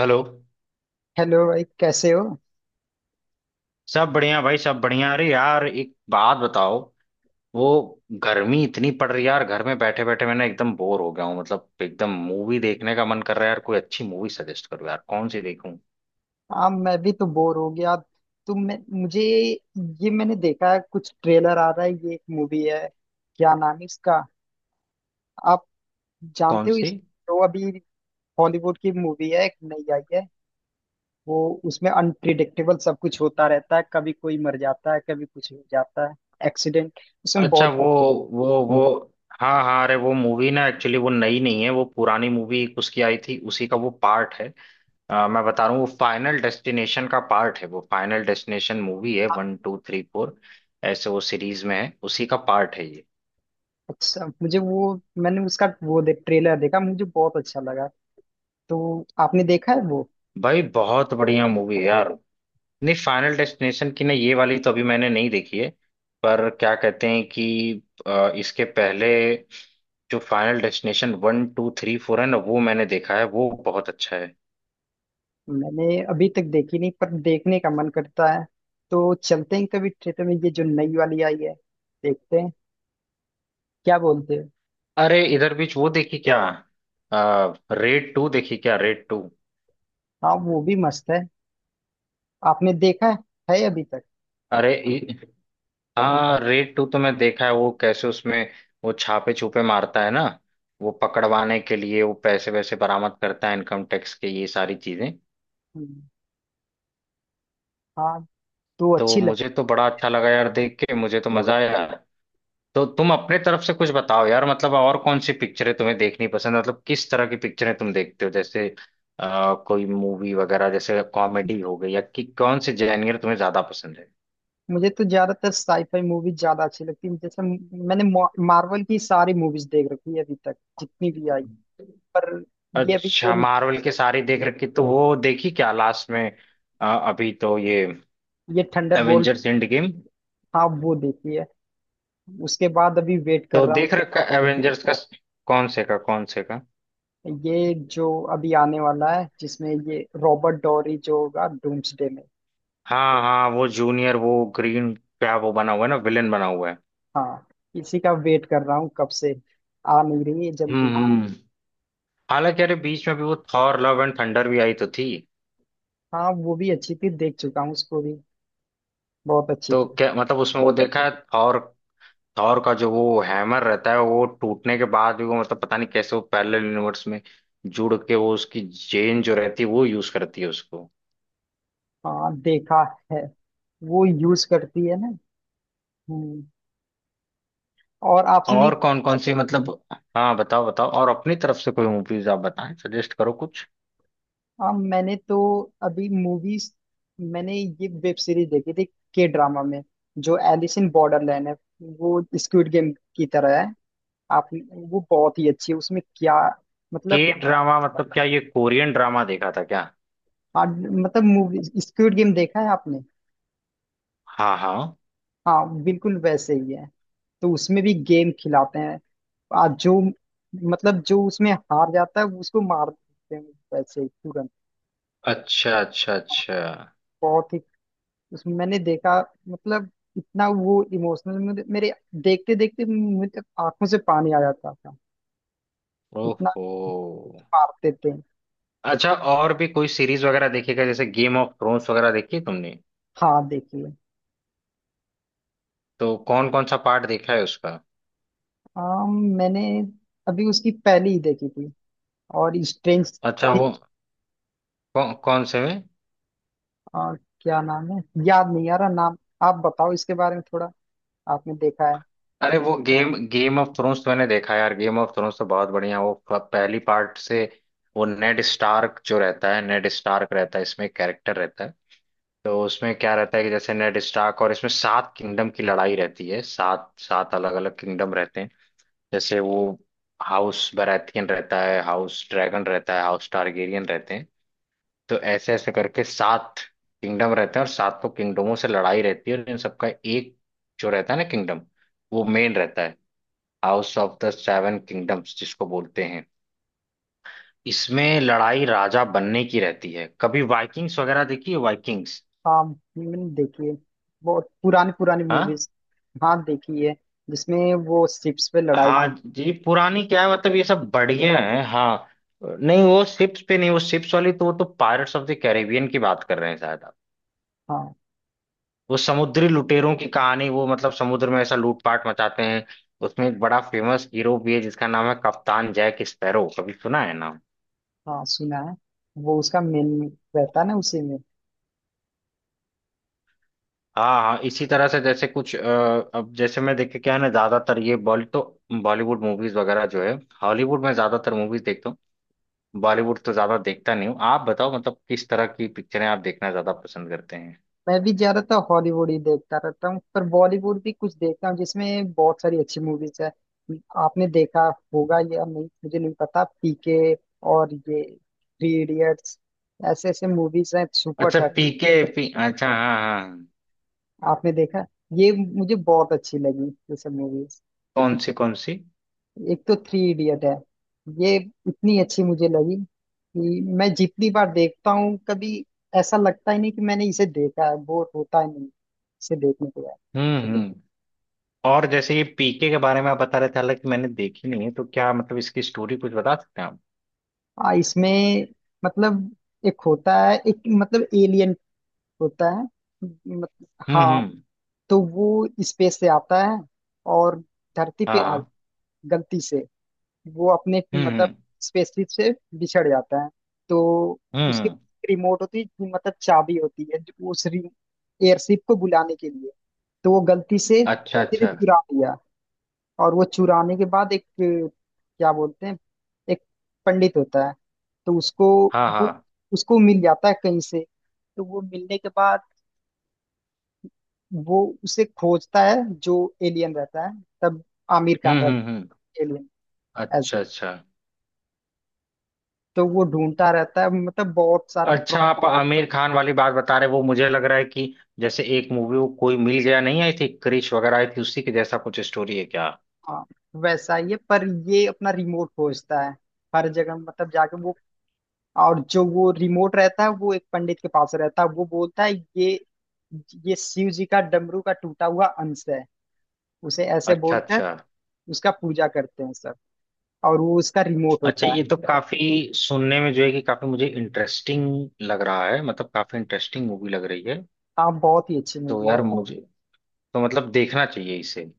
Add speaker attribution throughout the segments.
Speaker 1: Hello.
Speaker 2: Hello भाई, कैसे हो।
Speaker 1: सब बढ़िया भाई, सब बढ़िया। अरे यार, एक बात बताओ। वो, गर्मी इतनी पड़ रही है यार, घर में बैठे बैठे मैंने एकदम बोर हो गया हूँ। मतलब एकदम मूवी देखने का मन कर रहा है यार, कोई अच्छी मूवी सजेस्ट करो यार, कौन सी देखूं?
Speaker 2: हाँ, मैं भी तो बोर हो गया। तुम मुझे ये मैंने देखा है, कुछ ट्रेलर आ रहा है, ये एक मूवी है। क्या नाम है इसका? आप
Speaker 1: कौन
Speaker 2: जानते हो
Speaker 1: सी?
Speaker 2: इस? तो अभी हॉलीवुड की मूवी है, एक नई आई है। वो उसमें अनप्रिडिक्टेबल सब कुछ होता रहता है, कभी कोई मर जाता है, कभी कुछ हो जाता है। एक्सीडेंट उसमें
Speaker 1: अच्छा
Speaker 2: बहुत।
Speaker 1: वो वो वो। हाँ हाँ, अरे वो मूवी ना एक्चुअली वो नई नहीं है, वो पुरानी मूवी एक उसकी आई थी, उसी का वो पार्ट है। मैं बता रहा हूँ वो फाइनल डेस्टिनेशन का पार्ट है, वो फाइनल डेस्टिनेशन मूवी है 1 2 3 4। ऐसे वो सीरीज में है, उसी का पार्ट है ये।
Speaker 2: अच्छा, मुझे वो मैंने उसका वो देख ट्रेलर देखा, मुझे बहुत अच्छा लगा। तो आपने देखा है वो?
Speaker 1: भाई बहुत बढ़िया मूवी है यार। नहीं, फाइनल डेस्टिनेशन की ना ये वाली तो अभी मैंने नहीं देखी है। पर क्या कहते हैं कि इसके पहले जो फाइनल डेस्टिनेशन 1 2 3 4 है ना, वो मैंने देखा है, वो बहुत अच्छा है।
Speaker 2: मैंने अभी तक देखी नहीं, पर देखने का मन करता है। तो चलते हैं कभी थिएटर में, ये जो नई वाली आई है, देखते हैं। क्या बोलते हो?
Speaker 1: अरे इधर बीच वो देखी क्या, रेड टू देखी क्या, रेड टू?
Speaker 2: हाँ, वो भी मस्त है। आपने देखा है अभी तक?
Speaker 1: अरे इ- हाँ, रेड टू तो मैं देखा है। वो कैसे उसमें, वो छापे छुपे मारता है ना, वो पकड़वाने के लिए वो पैसे वैसे बरामद करता है, इनकम टैक्स के ये सारी चीजें।
Speaker 2: हम्म, हाँ। तो
Speaker 1: तो
Speaker 2: अच्छी लगती।
Speaker 1: मुझे तो बड़ा अच्छा लगा यार देख के, मुझे तो मजा आया यार। तो तुम अपने तरफ से कुछ बताओ यार, मतलब और कौन सी पिक्चरें तुम्हें देखनी पसंद है? मतलब किस तरह की पिक्चरें तुम देखते हो? जैसे कोई मूवी वगैरह जैसे कॉमेडी हो गई, या कि कौन से जेनर तुम्हें ज्यादा पसंद है?
Speaker 2: मुझे तो ज्यादातर साईफाई मूवी ज्यादा अच्छी लगती है, जैसे मैंने मार्वल की सारी मूवीज देख रखी है, अभी तक जितनी भी आई। पर ये अभी जो,
Speaker 1: अच्छा, मार्वल के सारी देख रखी, तो वो देखी क्या लास्ट में? अभी तो ये
Speaker 2: ये Thunderbolts.
Speaker 1: Avengers Endgame,
Speaker 2: हाँ, वो देखी है। उसके बाद अभी वेट कर
Speaker 1: तो
Speaker 2: रहा हूँ।
Speaker 1: देख रखा एवेंजर्स का? कौन से का, कौन से का?
Speaker 2: ये जो अभी आने वाला है, जिसमें ये रॉबर्ट डॉरी जो होगा डूम्सडे में।
Speaker 1: हाँ हाँ, वो जूनियर वो ग्रीन क्या वो बना हुआ है ना, विलेन बना हुआ है।
Speaker 2: हाँ, इसी का वेट कर रहा हूँ कब से, आ नहीं रही है जल्दी।
Speaker 1: हम्म हम्म। हालांकि अरे बीच में भी वो थॉर लव एंड थंडर भी आई तो थी।
Speaker 2: हाँ, वो भी अच्छी थी, देख चुका हूँ उसको भी, बहुत अच्छी
Speaker 1: तो
Speaker 2: थी।
Speaker 1: क्या मतलब उसमें वो देखा है थॉर? थॉर का जो वो हैमर रहता है, वो टूटने के बाद भी वो मतलब पता नहीं कैसे वो पैरेलल यूनिवर्स में जुड़ के वो उसकी जेन जो रहती है वो यूज करती है उसको।
Speaker 2: हाँ, देखा है, वो यूज करती है ना। हम्म। और आपने?
Speaker 1: और कौन कौन सी मतलब, हाँ बताओ बताओ, और अपनी तरफ से कोई मूवीज आप बताएं, सजेस्ट करो कुछ।
Speaker 2: हाँ, मैंने तो अभी मूवीज मैंने ये वेब सीरीज देखी थी, के ड्रामा में, जो एलिस इन बॉर्डरलैंड है, वो स्क्विड गेम की तरह है। आप, वो बहुत ही अच्छी है। उसमें क्या,
Speaker 1: के
Speaker 2: मतलब,
Speaker 1: ड्रामा मतलब क्या, ये कोरियन ड्रामा देखा था क्या?
Speaker 2: हाँ। मतलब मूवी स्क्विड गेम देखा है आपने?
Speaker 1: हाँ हाँ।
Speaker 2: हाँ, बिल्कुल वैसे ही है। तो उसमें भी गेम खिलाते हैं। जो मतलब, जो उसमें हार जाता है उसको मार देते हैं, वैसे ही तुरंत।
Speaker 1: अच्छा अच्छा अच्छा।
Speaker 2: बहुत ही, उस मैंने देखा, मतलब इतना वो इमोशनल, मेरे देखते देखते मुझे आंखों से पानी आ जाता था, इतना
Speaker 1: ओहो।
Speaker 2: मारते थे।
Speaker 1: अच्छा, और भी कोई सीरीज वगैरह देखेगा जैसे गेम ऑफ थ्रोन्स वगैरह देखी तुमने?
Speaker 2: हाँ, देखिए।
Speaker 1: तो कौन कौन सा पार्ट देखा है उसका?
Speaker 2: हाँ, मैंने अभी उसकी पहली ही देखी थी, और स्ट्रेंज।
Speaker 1: अच्छा कौन वो, कौन से में?
Speaker 2: हाँ, क्या नाम है, याद नहीं आ रहा नाम। आप बताओ इसके बारे में थोड़ा, आपने देखा है?
Speaker 1: अरे वो गेम गेम ऑफ थ्रोन्स तो मैंने देखा यार, गेम ऑफ थ्रोन्स तो बहुत बढ़िया। वो पहली पार्ट से, वो नेड स्टार्क जो रहता है, नेड स्टार्क रहता है इसमें कैरेक्टर रहता है। तो उसमें क्या रहता है कि जैसे नेड स्टार्क, और इसमें सात किंगडम की लड़ाई रहती है, सात सात अलग अलग किंगडम रहते हैं। जैसे वो हाउस बराथियन रहता है, हाउस ड्रैगन रहता है, हाउस टारगेरियन रहते हैं। तो ऐसे ऐसे करके सात किंगडम रहते हैं, और सातों किंगडमों से लड़ाई रहती है, और इन सबका एक जो रहता है ना किंगडम, वो मेन रहता है, House of the Seven Kingdoms जिसको बोलते हैं। इसमें लड़ाई राजा बनने की रहती है। कभी वाइकिंग्स वगैरह देखी है, वाइकिंग्स?
Speaker 2: हाँ, मैंने देखी है, बहुत पुरानी पुरानी
Speaker 1: हाँ
Speaker 2: मूवीज। हाँ, देखी है, जिसमें वो शिप्स पे लड़ाई हुई।
Speaker 1: हाँ। जी पुरानी क्या है, मतलब ये सब बढ़िया है। हाँ, नहीं वो शिप्स पे नहीं, वो शिप्स वाली तो वो तो पायरेट्स ऑफ द कैरेबियन की बात कर रहे हैं शायद आप।
Speaker 2: हाँ,
Speaker 1: वो समुद्री लुटेरों की कहानी, वो मतलब समुद्र में ऐसा लूटपाट मचाते हैं। उसमें एक बड़ा फेमस हीरो भी है जिसका नाम है कप्तान जैक स्पैरो, कभी सुना है नाम?
Speaker 2: हाँ सुना है। वो उसका मेन रहता है ना उसी में।
Speaker 1: हाँ हाँ, इसी तरह से जैसे कुछ अब जैसे मैं देखे क्या है ना, ज्यादातर ये बॉलीवुड मूवीज वगैरह जो है, हॉलीवुड में ज्यादातर मूवीज देखता हूँ। बॉलीवुड तो ज्यादा देखता नहीं हूँ। आप बताओ मतलब किस तरह की पिक्चरें आप देखना ज्यादा पसंद करते हैं?
Speaker 2: मैं भी ज्यादातर हॉलीवुड ही देखता रहता हूँ, पर बॉलीवुड भी कुछ देखता हूँ, जिसमें बहुत सारी अच्छी मूवीज है। आपने देखा होगा या नहीं मुझे नहीं पता, पीके और ये थ्री इडियट्स, ऐसे ऐसे मूवीज हैं सुपर।
Speaker 1: अच्छा पीके, पी अच्छा हाँ हाँ हाँ।
Speaker 2: आपने देखा ये? मुझे बहुत अच्छी लगी ये सब मूवीज।
Speaker 1: कौन सी कौन सी?
Speaker 2: एक तो थ्री इडियट है, ये इतनी अच्छी मुझे लगी कि मैं जितनी बार देखता हूँ, कभी ऐसा लगता ही नहीं कि मैंने इसे देखा है, बोर होता ही नहीं इसे देखने के बाद।
Speaker 1: हम्म, और जैसे ये पीके के बारे में आप बता रहे थे, हालांकि मैंने देखी नहीं है, तो क्या मतलब इसकी स्टोरी कुछ बता सकते हैं आप?
Speaker 2: इसमें मतलब, एक होता है, एक मतलब एलियन होता है, मतलब, हाँ।
Speaker 1: हम्म।
Speaker 2: तो वो स्पेस से आता है और धरती पे
Speaker 1: हाँ
Speaker 2: आ,
Speaker 1: हाँ।
Speaker 2: गलती से वो अपने,
Speaker 1: हम्म
Speaker 2: मतलब
Speaker 1: हम्म
Speaker 2: स्पेसशिप से, बिछड़ जाता है। तो उसके
Speaker 1: हम्म।
Speaker 2: रिमोट होती है, मतलब चाबी होती है, जो उस एयरशिप को बुलाने के लिए। तो वो गलती से
Speaker 1: अच्छा
Speaker 2: सिर्फ
Speaker 1: अच्छा।
Speaker 2: चुरा लिया। और वो चुराने के बाद एक, अ, क्या बोलते हैं, एक पंडित होता है, तो उसको,
Speaker 1: हाँ
Speaker 2: वो
Speaker 1: हाँ।
Speaker 2: उसको मिल जाता है कहीं से। तो वो मिलने के बाद वो उसे खोजता है, जो एलियन रहता है। तब आमिर खान रहता
Speaker 1: हम्म।
Speaker 2: है एलियन।
Speaker 1: अच्छा अच्छा
Speaker 2: तो वो ढूंढता रहता है, मतलब बहुत सारा
Speaker 1: अच्छा, आप
Speaker 2: प्रॉब्लम।
Speaker 1: आमिर खान वाली बात बता रहे, वो मुझे लग रहा है कि जैसे एक मूवी वो कोई मिल गया नहीं आई थी, क्रिश वगैरह आई थी, उसी के जैसा कुछ स्टोरी है क्या?
Speaker 2: हाँ, वैसा ही है पर, ये अपना रिमोट खोजता है हर जगह, मतलब जाके वो। और जो वो रिमोट रहता है, वो एक पंडित के पास रहता है। वो बोलता है ये ये शिव जी का डमरू का टूटा हुआ अंश है, उसे ऐसे
Speaker 1: अच्छा
Speaker 2: बोलकर
Speaker 1: अच्छा
Speaker 2: उसका पूजा करते हैं सब, और वो उसका रिमोट
Speaker 1: अच्छा,
Speaker 2: होता है।
Speaker 1: ये तो काफी सुनने में जो है कि काफी मुझे इंटरेस्टिंग लग रहा है, मतलब काफी इंटरेस्टिंग मूवी लग रही है।
Speaker 2: हाँ, बहुत ही अच्छी
Speaker 1: तो
Speaker 2: मूवी
Speaker 1: यार
Speaker 2: है।
Speaker 1: मुझे तो मतलब देखना चाहिए इसे।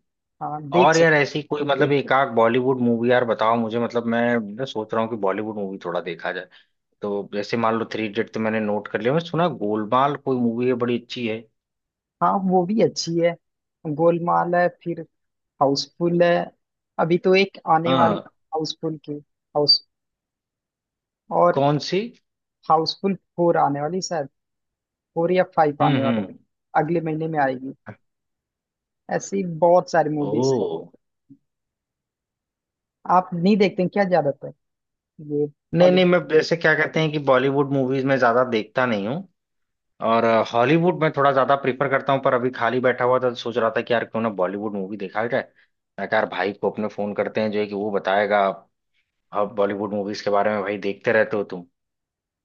Speaker 2: हाँ, देख
Speaker 1: और यार
Speaker 2: सकते।
Speaker 1: ऐसी कोई मतलब एक आध बॉलीवुड मूवी यार बताओ मुझे, मतलब मैं ना सोच रहा हूँ कि बॉलीवुड मूवी थोड़ा देखा जाए। तो जैसे मान लो थ्री इडियट तो मैंने नोट कर लिया, मैं सुना गोलमाल कोई मूवी है बड़ी अच्छी है।
Speaker 2: हाँ, वो भी अच्छी है। गोलमाल है, फिर हाउसफुल है। अभी तो एक आने वाली
Speaker 1: हाँ
Speaker 2: हाउसफुल की, और
Speaker 1: कौन सी?
Speaker 2: हाउसफुल फोर आने वाली शायद, फोर या फाइव आने वाली,
Speaker 1: हम्म।
Speaker 2: अगले महीने में आएगी। ऐसी बहुत सारी
Speaker 1: ओ,
Speaker 2: मूवीज। आप नहीं देखते हैं क्या ज्यादातर ये
Speaker 1: नहीं नहीं,
Speaker 2: बॉलीवुड?
Speaker 1: मैं जैसे क्या कहते हैं कि बॉलीवुड मूवीज में ज्यादा देखता नहीं हूँ, और हॉलीवुड में थोड़ा ज्यादा प्रीफर करता हूँ। पर अभी खाली बैठा हुआ था तो सोच रहा था कि यार क्यों ना बॉलीवुड मूवी देखा जाए। मैं कहा यार भाई को अपने फोन करते हैं जो है कि वो बताएगा अब बॉलीवुड मूवीज के बारे में। भाई देखते रहते हो तुम,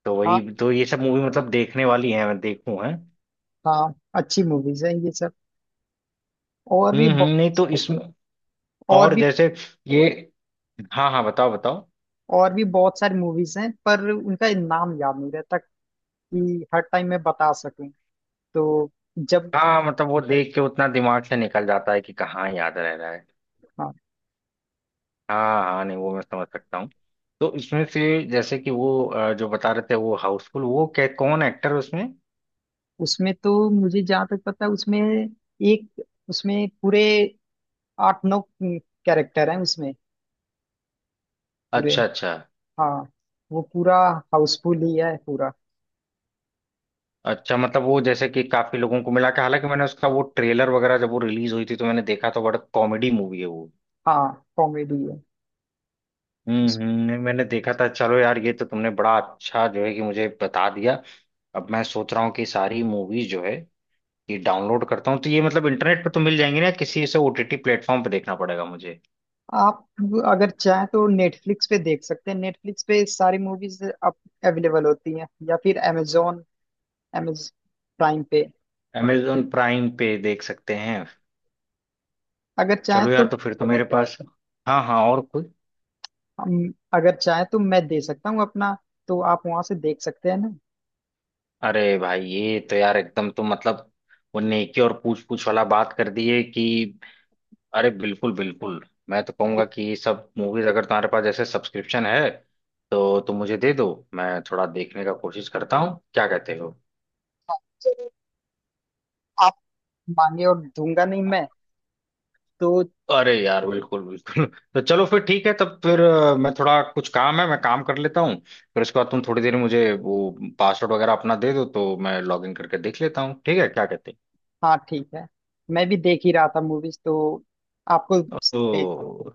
Speaker 1: तो वही
Speaker 2: हाँ,
Speaker 1: तो, ये सब मूवी मतलब देखने वाली है मैं देखूं है।
Speaker 2: हाँ अच्छी मूवीज हैं ये सब, और भी
Speaker 1: हम्म, नहीं तो इसमें,
Speaker 2: और
Speaker 1: और
Speaker 2: भी,
Speaker 1: जैसे ये, हाँ हाँ बताओ बताओ।
Speaker 2: और भी बहुत सारी मूवीज हैं पर उनका नाम याद नहीं रहता कि हर टाइम मैं बता सकूं। तो जब,
Speaker 1: हाँ मतलब वो देख के उतना दिमाग से निकल जाता है कि कहाँ याद रह रहा है।
Speaker 2: हाँ।
Speaker 1: हाँ हाँ, नहीं वो मैं समझ सकता हूँ। तो इसमें से, जैसे कि वो जो बता रहे थे वो हाउसफुल, वो क्या कौन एक्टर है उसमें?
Speaker 2: उसमें तो मुझे जहाँ तक पता है, उसमें एक, उसमें पूरे आठ नौ कैरेक्टर हैं उसमें पूरे।
Speaker 1: अच्छा अच्छा
Speaker 2: हाँ, वो पूरा हाउसफुल ही है पूरा।
Speaker 1: अच्छा, मतलब वो जैसे कि काफी लोगों को मिला के, हालांकि मैंने उसका वो ट्रेलर वगैरह जब वो रिलीज हुई थी तो मैंने देखा तो बड़ा कॉमेडी मूवी है वो।
Speaker 2: हाँ, कॉमेडी है। उस-
Speaker 1: नहीं, मैंने देखा था। चलो यार, ये तो तुमने बड़ा अच्छा जो है कि मुझे बता दिया। अब मैं सोच रहा हूँ कि सारी मूवीज जो है ये डाउनलोड करता हूँ, तो ये मतलब इंटरनेट पे तो मिल जाएंगी ना किसी से, ओटीटी प्लेटफॉर्म पे देखना पड़ेगा मुझे?
Speaker 2: आप अगर चाहें तो नेटफ्लिक्स पे देख सकते हैं। नेटफ्लिक्स पे सारी मूवीज अब अवेलेबल होती हैं, या फिर amazon प्राइम पे,
Speaker 1: अमेजोन प्राइम पे देख सकते हैं।
Speaker 2: अगर चाहें
Speaker 1: चलो यार
Speaker 2: तो।
Speaker 1: तो फिर तो मेरे पास, हाँ हाँ और कोई?
Speaker 2: अगर चाहें तो मैं दे सकता हूँ अपना, तो आप वहां से देख सकते हैं ना।
Speaker 1: अरे भाई ये तो यार एकदम तो मतलब, वो नेकी और पूछ पूछ वाला बात कर दी है कि, अरे बिल्कुल बिल्कुल। मैं तो कहूंगा कि ये सब मूवीज अगर तुम्हारे पास जैसे सब्सक्रिप्शन है तो तुम मुझे दे दो, मैं थोड़ा देखने का कोशिश करता हूँ, क्या कहते हो?
Speaker 2: चलो, आप मांगे और दूंगा नहीं मैं, तो।
Speaker 1: अरे यार बिल्कुल बिल्कुल तो चलो फिर ठीक है। तब फिर मैं थोड़ा, कुछ काम है मैं काम कर लेता हूँ, फिर उसके बाद तुम थोड़ी देर में मुझे वो पासवर्ड वगैरह अपना दे दो, तो मैं लॉग इन करके देख लेता हूँ। ठीक है क्या कहते हो?
Speaker 2: हाँ, ठीक है। मैं भी देख ही रहा था मूवीज, तो आपको।
Speaker 1: ओ,